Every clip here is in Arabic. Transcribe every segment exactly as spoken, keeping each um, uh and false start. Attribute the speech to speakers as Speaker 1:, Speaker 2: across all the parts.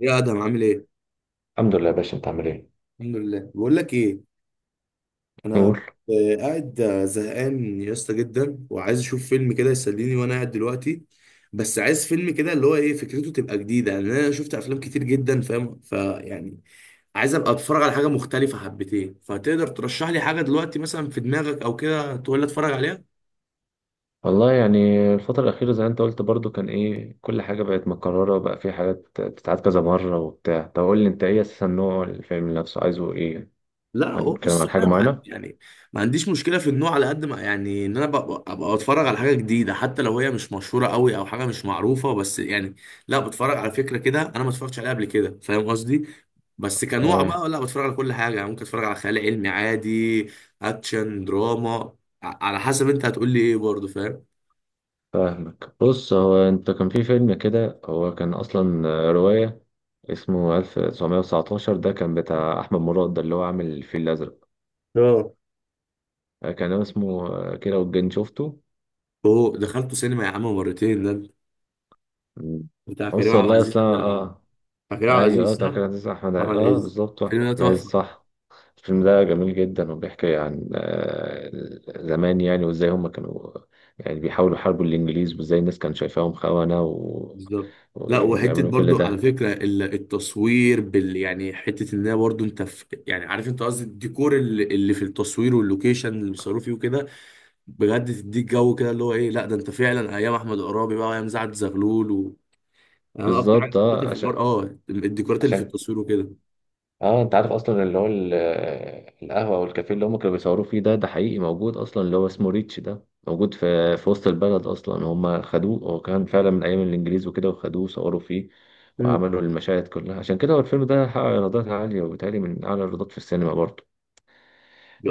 Speaker 1: يا ادهم عامل ايه؟
Speaker 2: الحمد لله يا باشا، انت عامل ايه؟
Speaker 1: الحمد لله. بقول لك ايه، انا
Speaker 2: قول.
Speaker 1: آه، قاعد، آه، زهقان يا اسطى جدا وعايز اشوف فيلم كده يسليني وانا قاعد دلوقتي. بس عايز فيلم كده اللي هو ايه، فكرته تبقى جديده لان انا شفت افلام كتير جدا، فاهم؟ فيعني عايز ابقى اتفرج على حاجه مختلفه حبتين، فتقدر ترشح لي حاجه دلوقتي مثلا في دماغك او كده تقول لي اتفرج عليها.
Speaker 2: والله يعني الفترة الأخيرة زي ما انت قلت برضو كان ايه، كل حاجة بقت مكررة، وبقى في حاجات بتتعاد كذا مرة وبتاع. طب قول لي، انت ايه أساسا، نوع الفيلم نفسه عايزه ايه؟
Speaker 1: لا هو
Speaker 2: هنتكلم
Speaker 1: بص،
Speaker 2: عن حاجة
Speaker 1: انا ما عن-
Speaker 2: معينة؟
Speaker 1: يعني ما عنديش مشكله في النوع على قد ما، يعني ان انا ببقى أبقى بتفرج على حاجه جديده حتى لو هي مش مشهوره قوي او حاجه مش معروفه، بس يعني لا، بتفرج على فكره كده انا ما اتفرجتش عليها قبل كده، فاهم قصدي؟ بس كنوع
Speaker 2: فا-
Speaker 1: بقى لا، بتفرج على كل حاجه، يعني ممكن اتفرج على خيال علمي عادي، اكشن، دراما. ع- على حسب انت هتقول لي ايه برضه، فاهم؟
Speaker 2: فاهمك. بص، هو انت كان في فيلم كده، هو كان أصلا رواية، اسمه ألف وتسعمية وتسعتاشر، ده كان بتاع أحمد مراد، ده اللي هو عامل الفيل الأزرق،
Speaker 1: اه.
Speaker 2: كان اسمه كده، والجن شفته.
Speaker 1: اوه، دخلته سينما يا عم مرتين ده، بتاع كريم
Speaker 2: بص،
Speaker 1: عبد
Speaker 2: والله
Speaker 1: العزيز،
Speaker 2: أصلا،
Speaker 1: بتاع كريم
Speaker 2: اه.
Speaker 1: عبد
Speaker 2: ايوه، اه،
Speaker 1: العزيز صح؟
Speaker 2: بتاع كريم عبد العزيز، احمد عز-
Speaker 1: احمد
Speaker 2: اه
Speaker 1: عز.
Speaker 2: بالظبط،
Speaker 1: الفيلم
Speaker 2: احمد
Speaker 1: ده
Speaker 2: عز
Speaker 1: تحفه.
Speaker 2: صح. الفيلم ده جميل جدا، وبيحكي عن آه، زمان يعني، وازاي هم كانوا يعني بيحاولوا يحاربوا الانجليز، وازاي الناس كانت شايفاهم خونة و...
Speaker 1: بالظبط. لا،
Speaker 2: ويعني
Speaker 1: وحته
Speaker 2: بيعملوا كل
Speaker 1: برضو على
Speaker 2: ده.
Speaker 1: فكره ال- التصوير بال، يعني حته ان هي برضو انت في، يعني عارف انت قصدي، الديكور اللي اللي في التصوير واللوكيشن اللي بيصوروا فيه وكده، بجد تديك جو كده اللي هو ايه. لا ده انت فعلا ايام احمد قرابي بقى وايام سعد زغلول و... يعني انا اكتر حاجه
Speaker 2: بالظبط،
Speaker 1: حبيتها
Speaker 2: اه
Speaker 1: في الغر
Speaker 2: عشان
Speaker 1: اه الديكورات اللي في
Speaker 2: عشان
Speaker 1: التصوير وكده.
Speaker 2: اه انت عارف اصلا اللي هو ال- القهوه والكافيه اللي هم كانوا بيصوروا فيه، ده ده حقيقي موجود اصلا، اللي هو اسمه ريتش، ده موجود في في وسط البلد اصلا. هم خدوه، هو كان فعلا من ايام الانجليز وكده، وخدوه وصوروا فيه
Speaker 1: مم.
Speaker 2: وعملوا المشاهد كلها، عشان كده هو الفيلم ده حقق ايرادات عاليه، وبالتالي من اعلى الايرادات في السينما برضه.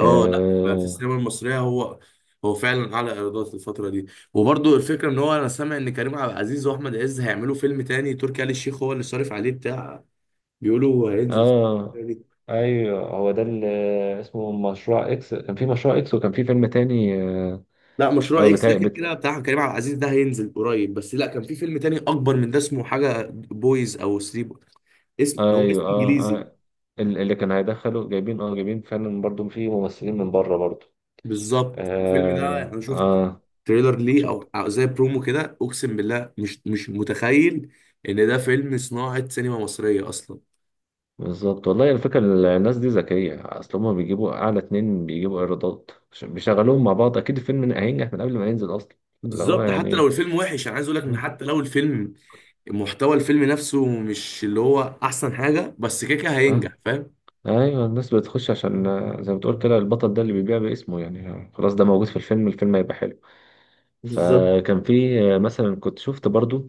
Speaker 1: اه لا، في السينما المصريه هو، هو فعلا اعلى ايرادات الفتره دي. وبرضو الفكره ان هو انا سامع ان كريم عبد العزيز واحمد عز هيعملوا فيلم تاني، تركي آل الشيخ هو اللي صارف عليه بتاع، بيقولوا هينزل فيلم
Speaker 2: اه،
Speaker 1: تاني.
Speaker 2: ايوه، هو ده اللي اسمه مشروع اكس، كان في مشروع اكس، وكان في فيلم تاني اه
Speaker 1: لا، مشروع
Speaker 2: آه،
Speaker 1: اكس
Speaker 2: بتاع.
Speaker 1: ده كان كده بتاع كريم عبد العزيز، ده هينزل قريب، بس لا كان في فيلم تاني اكبر من ده اسمه حاجه بويز او ثري، اسم، هو اسم
Speaker 2: ايوه، اه,
Speaker 1: انجليزي.
Speaker 2: آه. ال- اللي كان هيدخله جايبين، اه جايبين فعلا برضو في ممثلين من بره برضو.
Speaker 1: بالظبط، الفيلم ده
Speaker 2: اه,
Speaker 1: انا شفت
Speaker 2: آه.
Speaker 1: تريلر ليه
Speaker 2: شفت.
Speaker 1: او زي برومو كده، اقسم بالله مش مش متخيل ان ده فيلم صناعه سينما مصريه اصلا.
Speaker 2: بالظبط، والله الفكرة، الناس دي ذكية، اصل هما بيجيبوا اعلى اتنين بيجيبوا ايرادات عشان بيشغلوهم مع بعض، اكيد الفيلم هينجح من قبل ما ينزل اصلا. اللي هو
Speaker 1: بالظبط، حتى لو
Speaker 2: يعني.
Speaker 1: الفيلم وحش انا عايز اقول لك ان حتى لو الفيلم، محتوى الفيلم نفسه مش اللي هو احسن حاجه، بس كده كده
Speaker 2: اه
Speaker 1: هينجح، فاهم؟
Speaker 2: ايوه، الناس بتخش عشان آه، زي ما بتقول كده، البطل ده اللي بيبيع باسمه يعني، آه، خلاص، ده موجود في الفيلم، الفيلم هيبقى حلو.
Speaker 1: بالظبط.
Speaker 2: فكان في آه، مثلا كنت شفت برضو،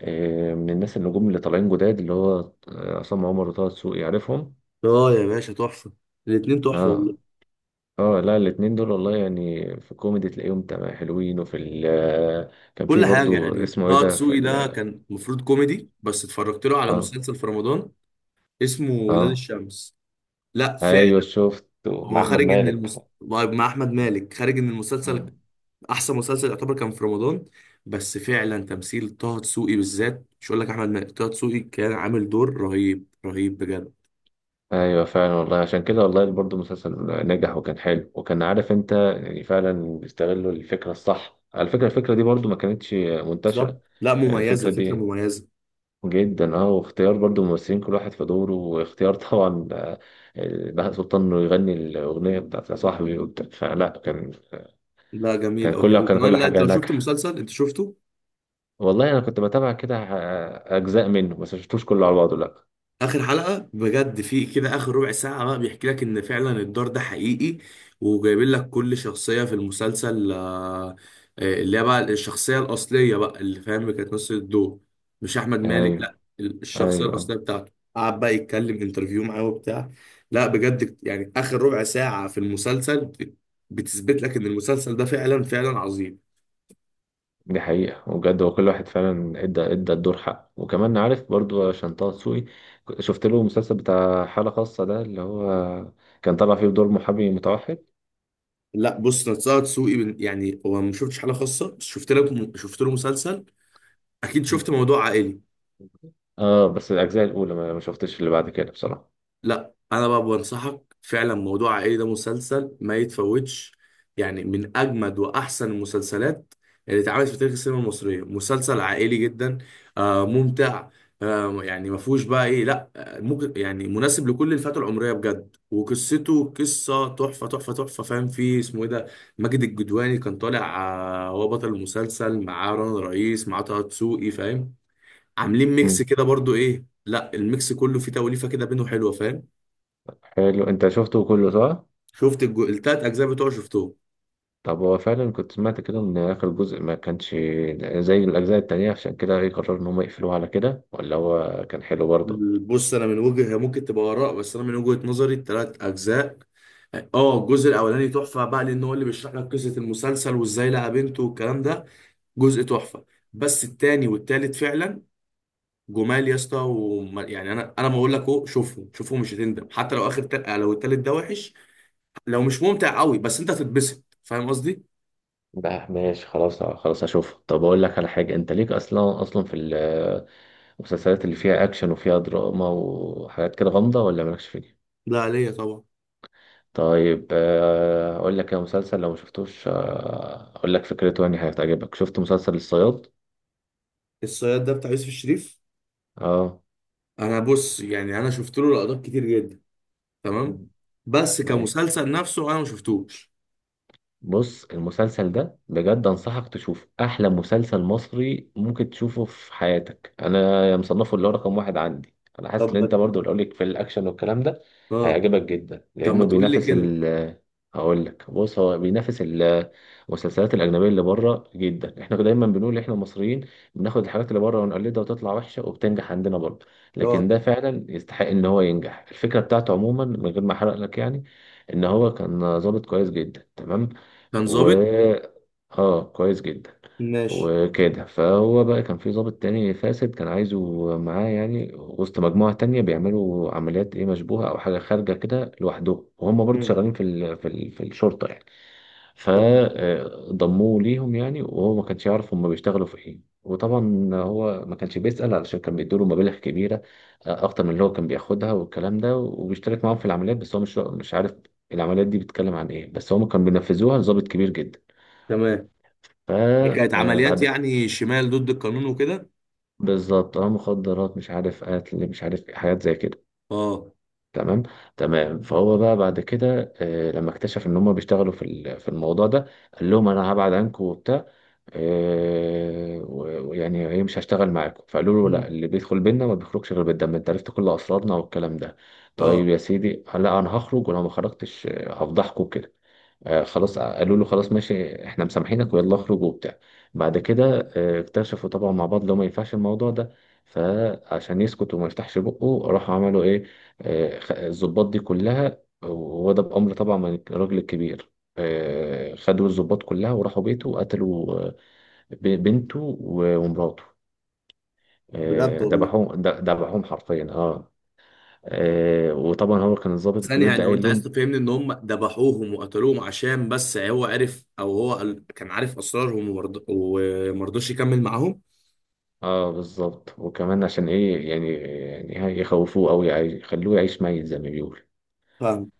Speaker 2: آه، من الناس النجوم اللي طالعين جداد، اللي هو آه، عصام عمر وطه دسوقي، عارفهم.
Speaker 1: اه يا باشا، تحفه. الاتنين تحفه
Speaker 2: اه،
Speaker 1: والله.
Speaker 2: اه، لا، الاتنين دول والله يعني في الكوميدي تلاقيهم تمام، حلوين، وفي ال آه، كان في
Speaker 1: كل حاجه
Speaker 2: برضو
Speaker 1: يعني.
Speaker 2: اسمه ايه
Speaker 1: طه
Speaker 2: ده في
Speaker 1: دسوقي ده
Speaker 2: ال.
Speaker 1: كان المفروض كوميدي، بس اتفرجت له على
Speaker 2: اه،
Speaker 1: مسلسل في رمضان اسمه ولاد
Speaker 2: اه،
Speaker 1: الشمس. لا
Speaker 2: ايوه،
Speaker 1: فعلا.
Speaker 2: شفت مع
Speaker 1: هو
Speaker 2: احمد
Speaker 1: خارج ان
Speaker 2: مالك.
Speaker 1: المس... طيب، مع احمد مالك، خارج ان المسلسل
Speaker 2: مم.
Speaker 1: احسن مسلسل يعتبر كان في رمضان. بس فعلا تمثيل طه دسوقي بالذات، مش هقول لك احمد مالك، طه دسوقي كان عامل دور رهيب رهيب بجد.
Speaker 2: ايوه، فعلا والله، عشان كده والله برضو المسلسل نجح وكان حلو، وكان عارف انت، يعني فعلا بيستغلوا الفكره الصح. على فكره، الفكره دي برضو ما كانتش
Speaker 1: بالظبط.
Speaker 2: منتشره،
Speaker 1: لا
Speaker 2: يعني
Speaker 1: مميزه،
Speaker 2: الفكره
Speaker 1: فكره
Speaker 2: دي
Speaker 1: مميزه.
Speaker 2: جدا، اه. واختيار برضو ممثلين كل واحد في دوره، واختيار طبعا آه، بهاء سلطان انه يغني الاغنيه بتاعت يا صاحبي وبتاع. فلا كان
Speaker 1: لا جميل
Speaker 2: كان
Speaker 1: قوي،
Speaker 2: كل كان
Speaker 1: وكمان
Speaker 2: كل
Speaker 1: لا انت
Speaker 2: حاجه
Speaker 1: لو شفت
Speaker 2: ناجحه.
Speaker 1: المسلسل، انت شفته؟
Speaker 2: والله انا كنت بتابع كده آه، اجزاء منه، بس ما شفتوش كله على بعضه، لا.
Speaker 1: اخر حلقه بجد في كده اخر ربع ساعه بقى بيحكي لك ان فعلا الدار ده حقيقي، وجايبين لك كل شخصيه في المسلسل آه، آه، اللي هي بقى الشخصيه الاصليه بقى اللي فاهم، اللي كانت نص الدور مش احمد مالك،
Speaker 2: ايوه،
Speaker 1: لا ال- الشخصيه
Speaker 2: ايوه.
Speaker 1: الاصليه بتاعته قعد بقى يتكلم انترفيو معاه وبتاع. لا بجد يعني اخر ربع ساعه في المسلسل بت- بتثبت لك ان المسلسل ده فعلا فعلا عظيم.
Speaker 2: دي حقيقه، وبجد هو كل واحد فعلا ادى ادى الدور حقه. وكمان عارف برضو، عشان طه دسوقي ك- شفت له المسلسل بتاع حاله خاصه ده، اللي هو كان طالع فيه بدور محامي متوحد.
Speaker 1: لا بص، نتساءل سوقي من- يعني هو ما شفتش حلقه خاصه، بس شفت لك، شفت له مسلسل، اكيد شفت موضوع عائلي.
Speaker 2: اه، بس الاجزاء الاولى ما ما شفتش اللي بعد كده بصراحه.
Speaker 1: لا انا بقى بنصحك، فعلا موضوع عائلي ده مسلسل ما يتفوتش، يعني من اجمد واحسن المسلسلات اللي اتعملت في تاريخ السينما المصريه. مسلسل عائلي جدا، آه ممتع، آه يعني ما فيهوش بقى ايه، لا آه، ممكن يعني مناسب لكل الفئات العمريه بجد، وقصته قصه تحفه تحفه تحفه، فاهم؟ فيه اسمه ايه ده، ماجد الجدواني كان طالع، آه، هو بطل المسلسل، معاه رنا رئيس، معاه طه دسوقي، فاهم؟ عاملين ميكس
Speaker 2: مم.
Speaker 1: كده برضو ايه، لا الميكس كله فيه توليفه كده بينه حلوه، فاهم؟
Speaker 2: حلو، انت شفته كله صح؟
Speaker 1: شفت الجو... التلات اجزاء بتوعه، شفتهم.
Speaker 2: طب هو فعلا كنت سمعت كده ان اخر جزء ما كانش زي الاجزاء التانية، عشان كده ايه قرروا ان هم يقفلوه على كده، ولا هو كان حلو برضه؟
Speaker 1: بص، انا من وجهه، هي ممكن تبقى اراء، بس انا من وجهه نظري التلات اجزاء، اه الجزء الاولاني تحفه بقى لان هو اللي بيشرح لك قصه المسلسل وازاي لقى بنته والكلام ده، جزء تحفه. بس التاني والتالت فعلا جمال يا اسطى. وما- يعني انا انا ما اقول لك اهو شوفهم شوفهم، مش هتندم، حتى لو اخر تل... لو التالت ده وحش، لو مش ممتع قوي، بس انت هتتبسط، فاهم قصدي؟
Speaker 2: بقى ماشي، خلاص خلاص، هشوفه. طب اقول لك على حاجه، انت ليك اصلا اصلا في ال- المسلسلات اللي فيها اكشن وفيها دراما وحاجات كده غامضه، ولا مالكش فيها؟
Speaker 1: ده عليا طبعا.
Speaker 2: طيب، آه، اقول لك يا مسلسل لو ما شفتوش، آه، اقول لك فكرته يعني هتعجبك، شفت مسلسل الصياد؟
Speaker 1: الصياد ده بتاع يوسف الشريف.
Speaker 2: اه.
Speaker 1: انا بص يعني انا شفت له لقطات كتير جدا، تمام،
Speaker 2: مم.
Speaker 1: بس
Speaker 2: ايوه.
Speaker 1: كمسلسل نفسه انا ما شفتوش.
Speaker 2: بص، المسلسل ده بجد انصحك تشوفه، احلى مسلسل مصري ممكن تشوفه في حياتك، انا مصنفه اللي هو رقم واحد عندي، انا حاسس ان
Speaker 1: طب
Speaker 2: انت
Speaker 1: ما-
Speaker 2: برضو اللي لك في الاكشن والكلام ده،
Speaker 1: اه.
Speaker 2: هيعجبك جدا،
Speaker 1: طب ما
Speaker 2: لانه
Speaker 1: تقول لي
Speaker 2: بينافس
Speaker 1: كده.
Speaker 2: ال. هقول لك، بص، هو بينافس ال- المسلسلات الاجنبيه اللي بره جدا. احنا دايما بنقول احنا المصريين بناخد الحاجات اللي بره ونقلدها وتطلع وحشه، وبتنجح عندنا برضه، لكن
Speaker 1: اه.
Speaker 2: ده فعلا يستحق ان هو ينجح. الفكره بتاعته عموما من غير ما احرق لك يعني، ان هو كان ظابط كويس جدا، تمام.
Speaker 1: كان ظابط.
Speaker 2: و اه كويس جدا،
Speaker 1: ماشي.
Speaker 2: وكده. فهو بقى كان في ضابط تاني فاسد كان عايزه معاه يعني، وسط مجموعة تانية بيعملوا عمليات ايه، مشبوهة او حاجة خارجة كده لوحدهم، وهم برضو
Speaker 1: مم.
Speaker 2: شغالين في ال... في ال... في الشرطة يعني.
Speaker 1: تمام
Speaker 2: فضموه ليهم يعني، وهو ما كانش يعرف هم بيشتغلوا في ايه، وطبعا هو ما كانش بيسأل، علشان كان بيدوله مبالغ كبيرة آه، اكتر من اللي هو كان بياخدها والكلام ده، وبيشترك معاهم في العمليات، بس هو مش مش عارف العمليات دي بتتكلم عن ايه، بس هم كانوا بينفذوها لضابط كبير جدا.
Speaker 1: تمام.
Speaker 2: ف
Speaker 1: كانت
Speaker 2: آه،
Speaker 1: عمليات
Speaker 2: بعد
Speaker 1: يعني شمال ضد القانون وكده.
Speaker 2: بالظبط، اه، مخدرات، مش عارف قتل، مش عارف إيه، حاجات زي كده.
Speaker 1: اه.
Speaker 2: تمام. تمام، فهو بقى بعد كده آه، لما اكتشف ان هم بيشتغلوا في ال- في الموضوع ده، قال لهم انا هبعد عنكم وبتاع، آه، و- ويعني ايه، مش هشتغل معاكم. فقالوا له لا،
Speaker 1: مم.
Speaker 2: اللي بيدخل بينا ما بيخرجش غير بالدم، انت عرفت كل اسرارنا والكلام ده.
Speaker 1: اه.
Speaker 2: طيب يا سيدي، لا، انا هخرج، ولو ما خرجتش آه، هفضحكم كده. آه، خلاص، آه، قالوا له خلاص ماشي، احنا مسامحينك، ويلا اخرج وبتاع. بعد كده آه، اكتشفوا طبعا مع بعض لو ما ينفعش الموضوع ده، فعشان يسكت وما يفتحش بقه، راحوا عملوا ايه، آه، خ- الضباط دي كلها، وهو ده بأمر طبعا من الراجل الكبير. آه، خدوا الضباط كلها وراحوا بيته، وقتلوا آه، ب- بنته و- ومراته،
Speaker 1: بجد
Speaker 2: آه،
Speaker 1: والله؟
Speaker 2: ذبحوهم، ذ- ذبحوهم حرفيا، اه. آه، وطبعا هو كان الضابط
Speaker 1: ثانية،
Speaker 2: الكبير ده
Speaker 1: يعني هو
Speaker 2: قايل
Speaker 1: انت عايز
Speaker 2: لهم.
Speaker 1: تفهمني ان هم ذبحوهم وقتلوهم عشان بس هو عرف، او هو قال- كان عارف اسرارهم ومرض- ومرضاش يكمل معاهم؟
Speaker 2: اه، بالظبط، وكمان عشان ايه يعني، يعني يخوفوه، او يعي- يخلوه يعيش ميت زي ما بيقول.
Speaker 1: فاهم.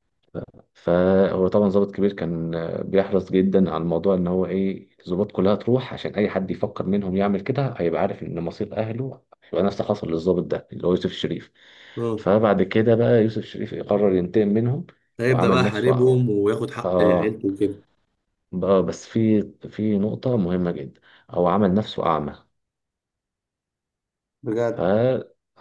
Speaker 2: فهو طبعا ضابط كبير كان آه، بيحرص جدا على الموضوع، ان هو ايه الضباط كلها تروح، عشان اي حد يفكر منهم يعمل كده هيبقى عارف ان مصير اهله هيبقى نفس اللي حصل للضابط ده اللي هو يوسف شريف.
Speaker 1: اه.
Speaker 2: فبعد كده بقى يوسف شريف قرر ينتقم منهم،
Speaker 1: هيبدأ بقى
Speaker 2: وعمل نفسه،
Speaker 1: يحاربهم وياخد حق
Speaker 2: اه،
Speaker 1: عيلته وكده.
Speaker 2: بقى- بس في في نقطة مهمة جدا، هو عمل نفسه أعمى. ف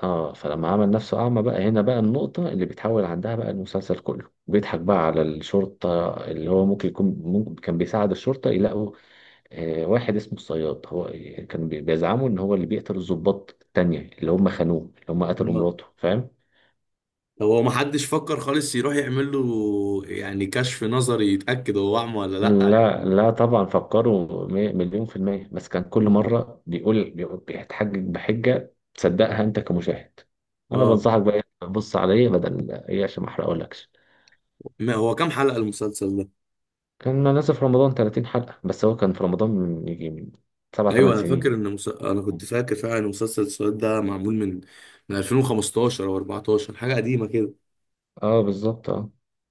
Speaker 2: اه فلما عمل نفسه أعمى بقى، هنا بقى النقطة اللي بيتحول عندها بقى المسلسل كله، بيضحك بقى على الشرطة، اللي هو ممكن يكون ممكن كان بيساعد الشرطة يلاقوا آه واحد اسمه الصياد، هو كان بي- بيزعموا إن هو اللي بيقتل الضباط التانية اللي هم خانوه، اللي هم قتلوا
Speaker 1: بجد؟
Speaker 2: مراته، فاهم؟
Speaker 1: هو ما حدش فكر خالص يروح يعمل له يعني كشف نظري يتأكد هو أعمى ولا لأ؟
Speaker 2: لا،
Speaker 1: يعني.
Speaker 2: لا، طبعا فكروا، مي- مليون في المية، بس كان كل مرة بيقول، بيقول- بيتحجج بحجة تصدقها أنت كمشاهد. أنا
Speaker 1: اه.
Speaker 2: بنصحك بقى، بص عليا بدل إيه عشان ما أحرقهولكش.
Speaker 1: ما هو كام حلقة المسلسل ده؟
Speaker 2: كنا نازل في رمضان 30 حلقة، بس هو كان في رمضان من يجي، من سبع
Speaker 1: ايوه
Speaker 2: تمن
Speaker 1: انا
Speaker 2: سنين
Speaker 1: فاكر
Speaker 2: يعني.
Speaker 1: ان مس... انا كنت
Speaker 2: مم.
Speaker 1: فاكر فعلا ان مسلسل السؤال ده معمول من من الفين وخمستاشر او اربعتاشر، حاجة قديمة كده.
Speaker 2: اه، بالظبط، اه.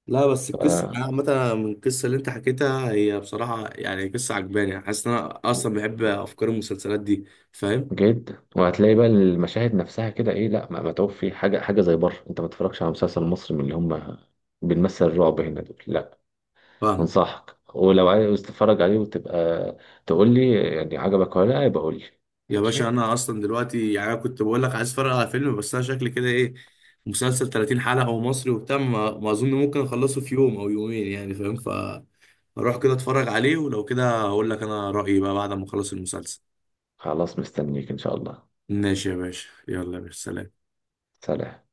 Speaker 1: لا بس
Speaker 2: ف-
Speaker 1: القصة يعني عامة، أنا من القصة اللي انت حكيتها هي بصراحة يعني قصة عجباني، حاسس ان انا اصلا بحب افكار المسلسلات دي، فاهم؟
Speaker 2: جدا، وهتلاقي بقى المشاهد نفسها كده، ايه، لا ما متعوب في حاجة حاجة زي بره. انت ما تتفرجش على مسلسل مصري من اللي هم بنمثل الرعب هنا دول، لا.
Speaker 1: فاهم
Speaker 2: انصحك، ولو عايز تتفرج عليه وتبقى تقول لي يعني عجبك ولا لا، يبقى قول لي.
Speaker 1: يا باشا.
Speaker 2: ماشي،
Speaker 1: انا اصلا دلوقتي يعني انا كنت بقول لك عايز اتفرج على فيلم، بس انا شكلي كده ايه، مسلسل تلاتين حلقه ومصري وبتاع، ما, ما اظن ممكن اخلصه في يوم او يومين يعني، فاهم؟ فاروح كده اتفرج عليه، ولو كده هقول لك انا رايي بقى بعد ما اخلص المسلسل.
Speaker 2: خلاص، مستنيك ان شاء الله.
Speaker 1: ماشي يا باشا، يلا يا باشا سلام.
Speaker 2: سلام.